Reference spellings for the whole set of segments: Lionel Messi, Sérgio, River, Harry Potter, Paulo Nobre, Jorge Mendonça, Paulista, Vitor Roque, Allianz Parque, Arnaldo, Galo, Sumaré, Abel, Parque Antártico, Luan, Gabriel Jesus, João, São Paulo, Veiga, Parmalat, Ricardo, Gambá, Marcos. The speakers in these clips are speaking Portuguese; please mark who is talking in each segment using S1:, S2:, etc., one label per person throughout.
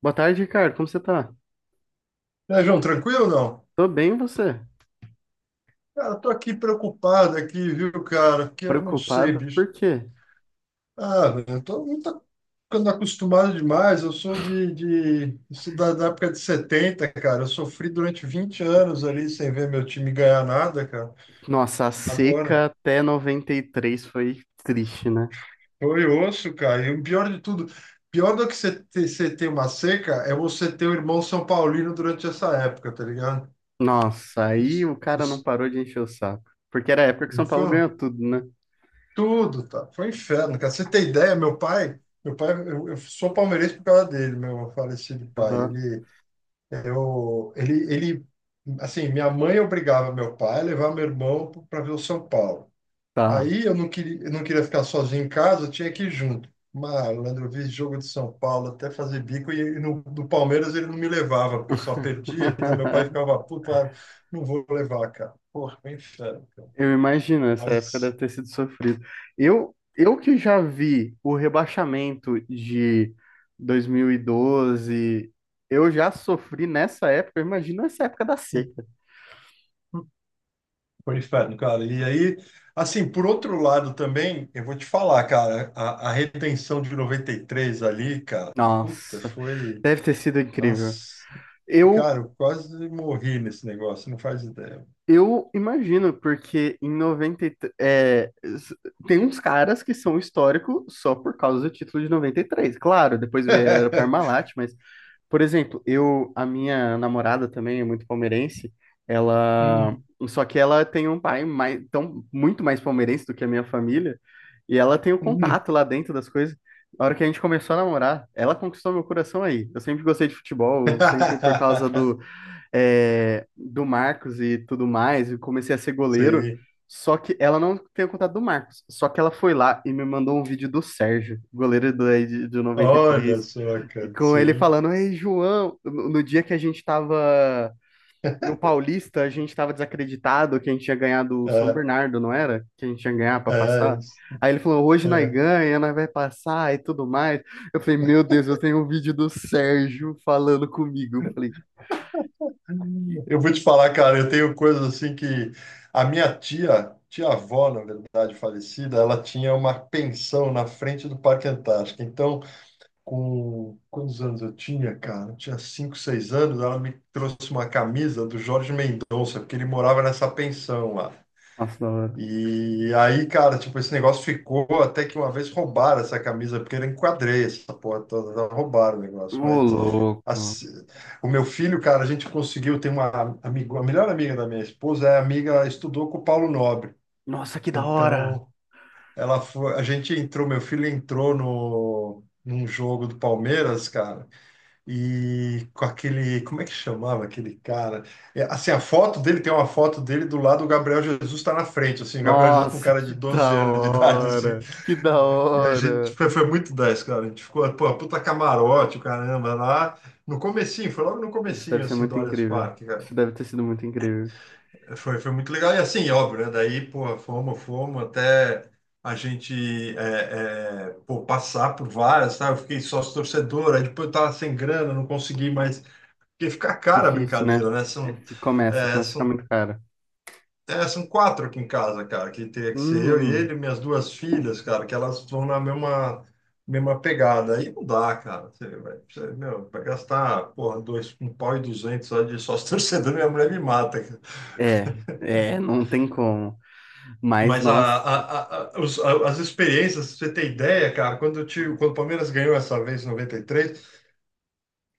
S1: Boa tarde, Ricardo. Como você tá?
S2: E aí, João, tranquilo ou não?
S1: Tô bem, e você?
S2: Cara, tô aqui preocupado aqui, viu, cara? Porque eu não sei,
S1: Preocupado?
S2: bicho.
S1: Por quê?
S2: Ah, velho, eu tô não tô ficando acostumado demais. Eu sou de isso da época de 70, cara. Eu sofri durante 20 anos ali sem ver meu time ganhar nada, cara.
S1: Nossa, a
S2: Agora,
S1: seca até 93 foi triste, né?
S2: foi osso, cara. E o pior de tudo, pior do que você ter uma seca é você ter o irmão São Paulino durante essa época, tá ligado?
S1: Nossa,
S2: Os,
S1: aí o cara
S2: os,
S1: não parou de encher o saco. Porque era a época que
S2: não
S1: São Paulo
S2: foi?
S1: ganhou tudo, né?
S2: Tudo, tá? Foi um inferno, cara. Você tem ideia, meu pai, eu sou palmeirense por causa dele, meu falecido pai.
S1: Ah,
S2: Ele, eu, ele, assim, minha mãe obrigava meu pai a levar meu irmão para ver o São Paulo.
S1: tá.
S2: Aí eu não queria ficar sozinho em casa, eu tinha que ir junto. Malandro, eu vi jogo de São Paulo até fazer bico e do Palmeiras ele não me levava, porque só perdia, então meu pai ficava puto, não vou levar, cara. Porra, foi um inferno, cara.
S1: Eu imagino, essa época deve
S2: Mas.
S1: ter sido sofrido. Eu que já vi o rebaixamento de 2012, eu já sofri nessa época, eu imagino essa época da seca.
S2: Foi um inferno, cara. E aí, assim, por outro lado também, eu vou te falar, cara, a retenção de 93 ali, cara, puta,
S1: Nossa,
S2: foi.
S1: deve ter sido incrível.
S2: Nossa,
S1: Eu,
S2: cara, eu quase morri nesse negócio, não faz ideia.
S1: eu imagino, porque em 93, tem uns caras que são históricos só por causa do título de 93. Claro, depois vieram para Parmalat, mas por exemplo, a minha namorada também é muito palmeirense, ela,
S2: Hum,
S1: só que ela tem um pai mais, tão, muito mais palmeirense do que a minha família, e ela tem o
S2: hum.
S1: contato lá dentro das coisas. A hora que a gente começou a namorar, ela conquistou meu coração aí. Eu sempre gostei de futebol, sempre por causa do, é, do Marcos e tudo mais, eu comecei a ser goleiro,
S2: Sim,
S1: só que ela não tem o contato do Marcos, só que ela foi lá e me mandou um vídeo do Sérgio, goleiro do, de noventa e
S2: olha
S1: três
S2: só, cara,
S1: com ele
S2: sim.
S1: falando, Ei, João, no dia que a gente tava no Paulista, a gente tava desacreditado que a gente tinha ganhado o São
S2: É,
S1: Bernardo, não era? Que a gente ia ganhar pra
S2: é,
S1: passar. Aí ele falou, hoje nós
S2: é.
S1: ganha, nós vai passar e tudo mais. Eu falei, meu Deus, eu tenho um vídeo do Sérgio falando comigo. Eu falei, "Que-
S2: Eu vou te falar, cara, eu tenho coisas assim que a minha tia, tia-avó, na verdade, falecida, ela tinha uma pensão na frente do Parque Antártico. Então, com quantos anos eu tinha, cara? Eu tinha 5, 6 anos, ela me trouxe uma camisa do Jorge Mendonça, porque ele morava nessa pensão lá.
S1: nossa, da hora.
S2: E aí, cara, tipo, esse negócio ficou até que uma vez roubaram essa camisa, porque eu enquadrei essa porra toda, roubaram o negócio,
S1: Ô,
S2: mas
S1: louco.
S2: assim, o meu filho, cara, a gente conseguiu ter uma amigo, a melhor amiga da minha esposa é amiga, ela estudou com o Paulo Nobre.
S1: Nossa, que da hora.
S2: Então, ela foi, a gente entrou, meu filho entrou no num jogo do Palmeiras, cara, e com aquele, como é que chamava aquele cara? É, assim, a foto dele tem uma foto dele do lado, o Gabriel Jesus está na frente, assim, o Gabriel Jesus com
S1: Nossa,
S2: cara de
S1: que
S2: 12
S1: da
S2: anos de idade, assim.
S1: hora. Que da
S2: E a gente
S1: hora.
S2: foi muito 10, cara. A gente ficou, pô, puta camarote, o caramba, lá no comecinho, foi logo no
S1: Isso deve
S2: comecinho,
S1: ser
S2: assim,
S1: muito
S2: do Allianz
S1: incrível.
S2: Parque, cara.
S1: Isso deve ter sido muito incrível.
S2: Foi muito legal. E assim, óbvio, né? Daí, pô, fomos até a gente é, pô, passar por várias, tá? Eu fiquei sócio torcedor, aí depois eu tava sem grana, não consegui mais. Porque fica cara a
S1: Difícil, né?
S2: brincadeira, né?
S1: É, f- Começa,
S2: É,
S1: começa a ficar
S2: são
S1: muito caro.
S2: são quatro aqui em casa, cara, que teria que ser eu e
S1: Hum,
S2: ele, e minhas duas filhas, cara, que elas vão na mesma pegada. Aí não dá, cara. Você vai, você, meu, vai gastar, porra, dois, um pau e duzentos só de sócio torcedor, minha mulher me mata, cara.
S1: é, é, não tem como. Mas,
S2: Mas a,
S1: nós
S2: a, a- a- os- a- as experiências, pra você ter ideia, cara, quando, eu tive, quando o Palmeiras ganhou essa vez em 93,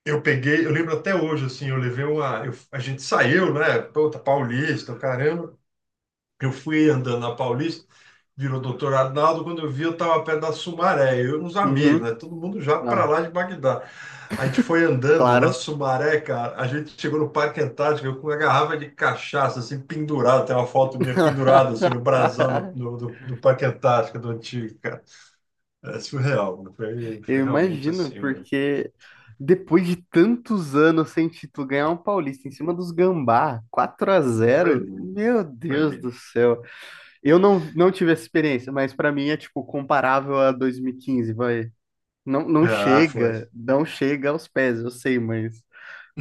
S2: eu peguei, eu lembro até hoje, assim, eu levei uma. A gente saiu, né? Puta, Paulista, caramba. Eu fui andando na Paulista, virou Doutor Arnaldo, quando eu vi eu estava perto da Sumaré, eu e uns amigos,
S1: uhum,
S2: né? Todo mundo já para
S1: ah,
S2: lá de Bagdá. A gente foi andando na
S1: claro.
S2: Sumaré, cara, a gente chegou no Parque Antártico eu com uma garrafa de cachaça, assim, pendurada, tem uma foto minha pendurada, assim, no brasão do, do, do- do Parque Antártico, do antigo, cara. É surreal, mano. Foi,
S1: Eu
S2: foi realmente
S1: imagino,
S2: assim, mano.
S1: porque depois de tantos anos sem título, ganhar um Paulista em cima dos Gambá, quatro a
S2: Foi
S1: zero
S2: lindo,
S1: meu
S2: foi
S1: Deus do
S2: lindo.
S1: céu. Eu não, não tive essa experiência, mas pra mim é tipo comparável a 2015 vai. Não, não
S2: Ah, foi.
S1: chega, não chega aos pés, eu sei, mas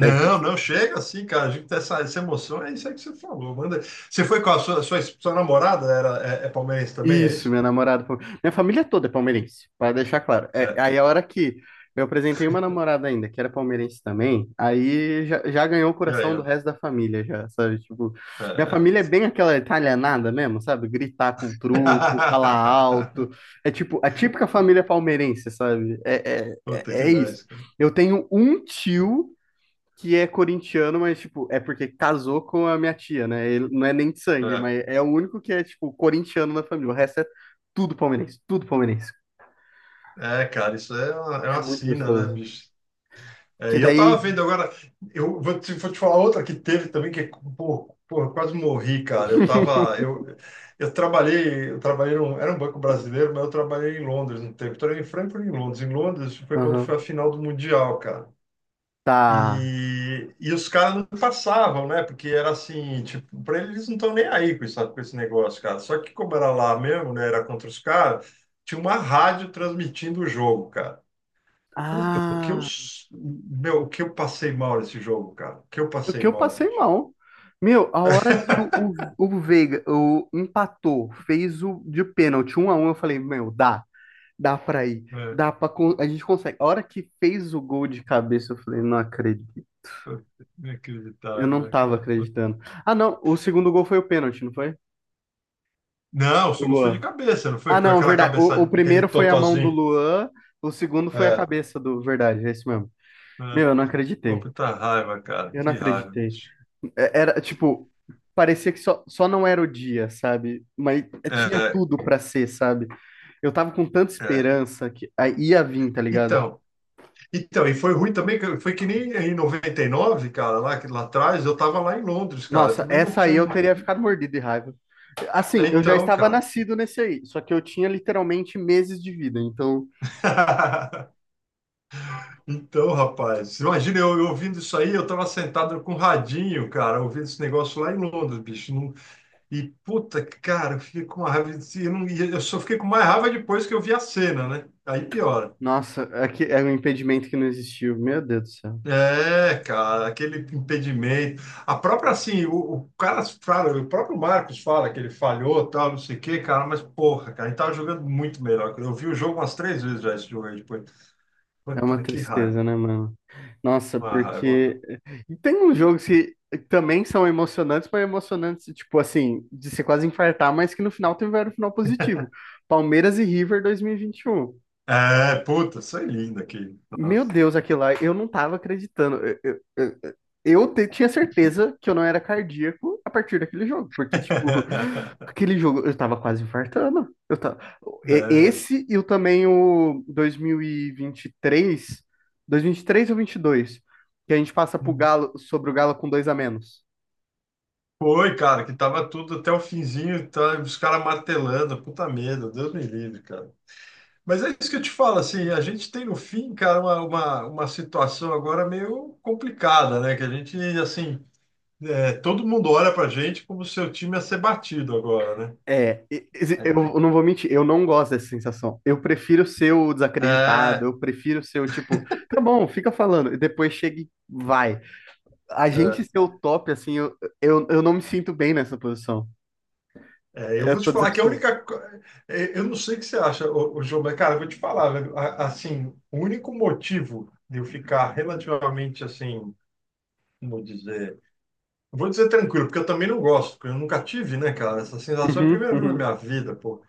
S1: deve ter
S2: não chega assim, cara. A gente tem essa emoção, é isso aí que você falou. Manda. Você foi com a sua namorada, é palmeirense também, é
S1: isso,
S2: isso?
S1: meu namorado. Pal- Minha família toda é palmeirense, para deixar claro. É,
S2: É.
S1: aí a hora que eu apresentei uma namorada ainda, que era palmeirense também, aí já, já ganhou o
S2: E aí,
S1: coração do
S2: ó.
S1: resto da família, já, sabe? Tipo, minha família é
S2: É.
S1: bem aquela italianada mesmo, sabe? Gritar com truco, falar alto. É tipo, a típica família palmeirense, sabe? É, é,
S2: Puta
S1: é
S2: que
S1: é isso.
S2: 10, cara.
S1: Eu tenho um tio que é corintiano, mas, tipo, é porque casou com a minha tia, né? Ele não é nem de sangue,
S2: É,
S1: mas é o único que é, tipo, corintiano na família. O resto é tudo palmeirense, tudo palmeirense.
S2: É, cara, isso é uma, é
S1: É
S2: uma
S1: muito
S2: sina, né,
S1: gostoso.
S2: bicho? É,
S1: Que
S2: e eu tava
S1: daí.
S2: vendo agora, vou te falar outra que teve também, que, pô, eu quase morri, cara. Eu tava, eu trabalhei num, era um banco brasileiro, mas eu trabalhei em Londres um tempo. Trabalhei em Frankfurt e em Londres. Em Londres foi quando foi a
S1: Aham.
S2: final do Mundial, cara.
S1: Tá.
S2: E os caras não passavam, né? Porque era assim, tipo, pra eles não estão nem aí com isso, com esse negócio, cara. Só que como era lá mesmo, né? Era contra os caras, tinha uma rádio transmitindo o jogo, cara. Puta, o que eu,
S1: Ah,
S2: s- meu, o que eu passei mal nesse jogo, cara? O que eu
S1: o
S2: passei
S1: que eu
S2: mal,
S1: passei
S2: bicho.
S1: mal. Meu, a hora que o Veiga o, empatou, fez o de pênalti 1-1 eu falei, meu, dá, dá pra ir,
S2: É,
S1: dá pra. Con- A gente consegue. A hora que fez o gol de cabeça, eu falei, não acredito.
S2: foi
S1: Eu
S2: inacreditável,
S1: não
S2: né,
S1: tava
S2: cara?
S1: acreditando. Ah, não. O segundo gol foi o pênalti, não foi?
S2: Não, o
S1: O
S2: segundo foi de
S1: Luan.
S2: cabeça, não foi?
S1: Ah,
S2: Foi
S1: não,
S2: aquela
S1: verdade. O
S2: cabeçada, aquele
S1: primeiro foi a mão do
S2: totozinho.
S1: Luan, o segundo foi a
S2: É,
S1: cabeça do. Verdade, é isso mesmo.
S2: é.
S1: Meu, eu não
S2: Pô,
S1: acreditei.
S2: puta raiva, cara.
S1: Eu não
S2: Que raiva,
S1: acreditei.
S2: bicho.
S1: É- Era, tipo, parecia que só, não era o dia, sabe? Mas tinha
S2: É,
S1: tudo pra ser, sabe? Eu tava com tanta
S2: é.
S1: esperança que aí ia vir, tá ligado?
S2: Então, então, e foi ruim também, que foi que nem em 99, cara, lá atrás, eu tava lá em Londres, cara. Eu
S1: Nossa,
S2: também não
S1: essa aí
S2: tinha.
S1: eu
S2: Não.
S1: teria ficado mordido de raiva. Assim,
S2: É,
S1: eu já
S2: então,
S1: estava
S2: cara.
S1: nascido nesse aí, só que eu tinha literalmente meses de vida, então.
S2: Então, rapaz, imagina eu, ouvindo isso aí, eu tava sentado com o radinho, cara, ouvindo esse negócio lá em Londres, bicho. E puta, cara, eu fiquei com uma raiva. Não, e eu só fiquei com mais raiva depois que eu vi a cena, né? Aí piora.
S1: Nossa, é que é um impedimento que não existiu. Meu Deus do céu.
S2: É, cara, aquele impedimento. A própria, assim, o cara fala, o próprio Marcos fala que ele falhou, tal, não sei o quê, cara, mas porra, cara, ele tava jogando muito melhor. Eu vi o jogo umas 3 vezes já esse jogo aí depois.
S1: É uma
S2: Puta, que raiva.
S1: tristeza, né, mano? Nossa,
S2: Uma raiva, uma
S1: porque
S2: raiva.
S1: e tem uns jogos que também são emocionantes, mas emocionantes, tipo assim, de você quase infartar, mas que no final tiveram um final positivo. Palmeiras e River dois mil e vinte e um.
S2: É, puta, foi é lindo aqui.
S1: Meu
S2: Nossa.
S1: Deus, aquilo lá, eu não tava acreditando. Tinha certeza que eu não era cardíaco a partir daquele jogo, porque, tipo, aquele jogo eu tava quase infartando. Eu tava... e-
S2: É.
S1: Esse e o também o 2023, três ou 22 que a gente passa pro Galo, sobre o Galo com dois a menos.
S2: Foi, cara, que tava tudo até o finzinho, tá, os caras martelando, puta medo, Deus me livre, cara. Mas é isso que eu te falo, assim, a gente tem no fim, cara, uma situação agora meio complicada, né? Que a gente, assim, é, todo mundo olha pra gente como se o time ia ser batido agora, né?
S1: Eu não vou mentir, eu não gosto dessa sensação. Eu prefiro ser o desacreditado,
S2: É,
S1: eu prefiro ser o tipo, tá bom, fica falando, e depois chega e vai. A gente
S2: é.
S1: ser o top, assim, eu não me sinto bem nessa posição.
S2: É, eu
S1: Eu
S2: vou te
S1: tô
S2: falar que a
S1: desacostumado.
S2: única. Co- é, eu não sei o que você acha, ô, João, mas, cara, eu vou te falar, velho. Assim, o único motivo de eu ficar relativamente assim, como dizer. Eu vou dizer tranquilo, porque eu também não gosto, porque eu nunca tive, né, cara, essa sensação. É a
S1: Uhum,
S2: primeira vez na
S1: uhum.
S2: minha vida, pô.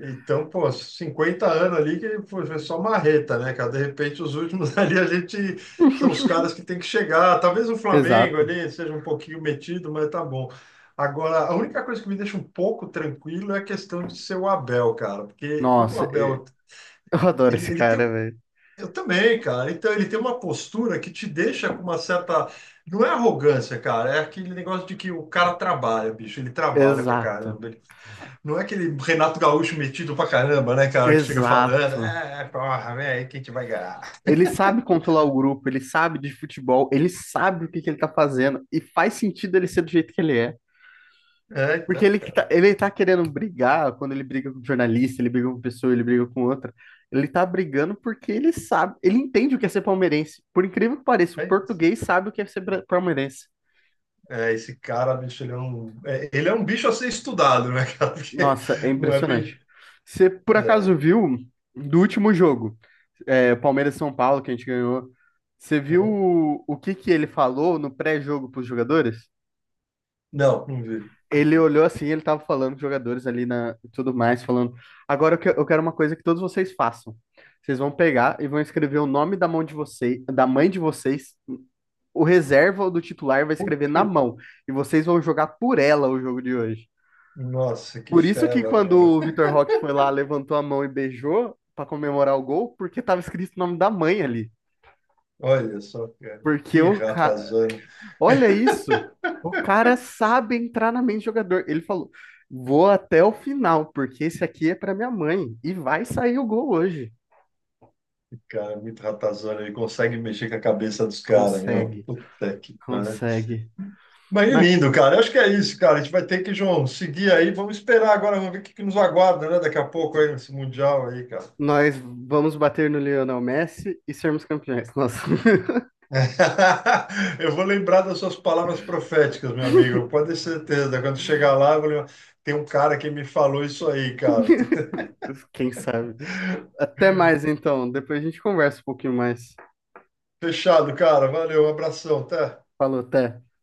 S2: Então, pô, 50 anos ali que foi só marreta, né, cara? De repente, os últimos ali a gente são os caras que tem que chegar. Talvez o Flamengo
S1: Exato.
S2: ali seja um pouquinho metido, mas tá bom. Agora, a única coisa que me deixa um pouco tranquilo é a questão de ser o Abel, cara, porque como o
S1: Nossa, e-
S2: Abel,
S1: eu adoro esse
S2: ele tem.
S1: cara,
S2: Um,
S1: velho.
S2: eu também, cara. Então, ele tem uma postura que te deixa com uma certa. Não é arrogância, cara, é aquele negócio de que o cara trabalha, bicho, ele trabalha pra
S1: Exato.
S2: caramba. Não é aquele Renato Gaúcho metido pra caramba, né, cara, que chega falando,
S1: Exato.
S2: é, porra, velho, quem que vai ganhar?
S1: Ele sabe controlar o grupo, ele sabe de futebol, ele sabe o que que ele tá fazendo e faz sentido ele ser do jeito que ele é.
S2: É,
S1: Porque
S2: então,
S1: ele que
S2: cara,
S1: tá, ele tá querendo brigar, quando ele briga com um jornalista, ele briga com pessoa, ele briga com outra. Ele tá brigando porque ele sabe, ele entende o que é ser palmeirense. Por incrível que pareça, o
S2: é isso.
S1: português sabe o que é ser bra- palmeirense.
S2: É, esse cara, bicho, ele é um bicho a ser estudado, né, cara, porque
S1: Nossa, é
S2: não é
S1: impressionante.
S2: bem.
S1: Você por acaso
S2: É,
S1: viu do último jogo, é, Palmeiras e São Paulo, que a gente ganhou? Você viu o que que ele falou no pré-jogo pros jogadores?
S2: não, não vi, não
S1: Ele
S2: vi.
S1: olhou assim, ele tava falando com os jogadores ali na e tudo mais, falando. Agora eu que- eu quero uma coisa que todos vocês façam. Vocês vão pegar e vão escrever o nome da mão de vocês, da mãe de vocês, o reserva ou do titular vai escrever
S2: Puta,
S1: na mão. E vocês vão jogar por ela o jogo de hoje.
S2: nossa, que
S1: Por isso que
S2: fela,
S1: quando
S2: meu.
S1: o Vitor Roque foi lá, levantou a mão e beijou pra comemorar o gol, porque tava escrito o nome da mãe ali.
S2: Olha só, cara,
S1: Porque
S2: que
S1: o, ca-
S2: ratazana.
S1: Olha isso! O cara sabe entrar na mente do jogador. Ele falou: vou até o final, porque esse aqui é para minha mãe. E vai sair o gol hoje.
S2: Cara, é muito ratazana, ele consegue mexer com a cabeça dos caras, meu.
S1: Consegue,
S2: Puta que pariu.
S1: consegue.
S2: Mas é
S1: Mas
S2: lindo, cara. Eu acho que é isso, cara. A gente vai ter que, João, seguir aí. Vamos esperar agora, vamos ver o que que nos aguarda, né? Daqui a pouco aí nesse Mundial aí, cara.
S1: nós vamos bater no Lionel Messi e sermos campeões. Nossa,
S2: Eu vou lembrar das suas palavras proféticas, meu amigo. Pode ter certeza. Quando chegar lá, eu vou lembrar. Tem um cara que me falou isso aí, cara.
S1: quem sabe? Até mais então. Depois a gente conversa um pouquinho mais.
S2: Fechado, cara. Valeu, um abração, até.
S1: Falou, até.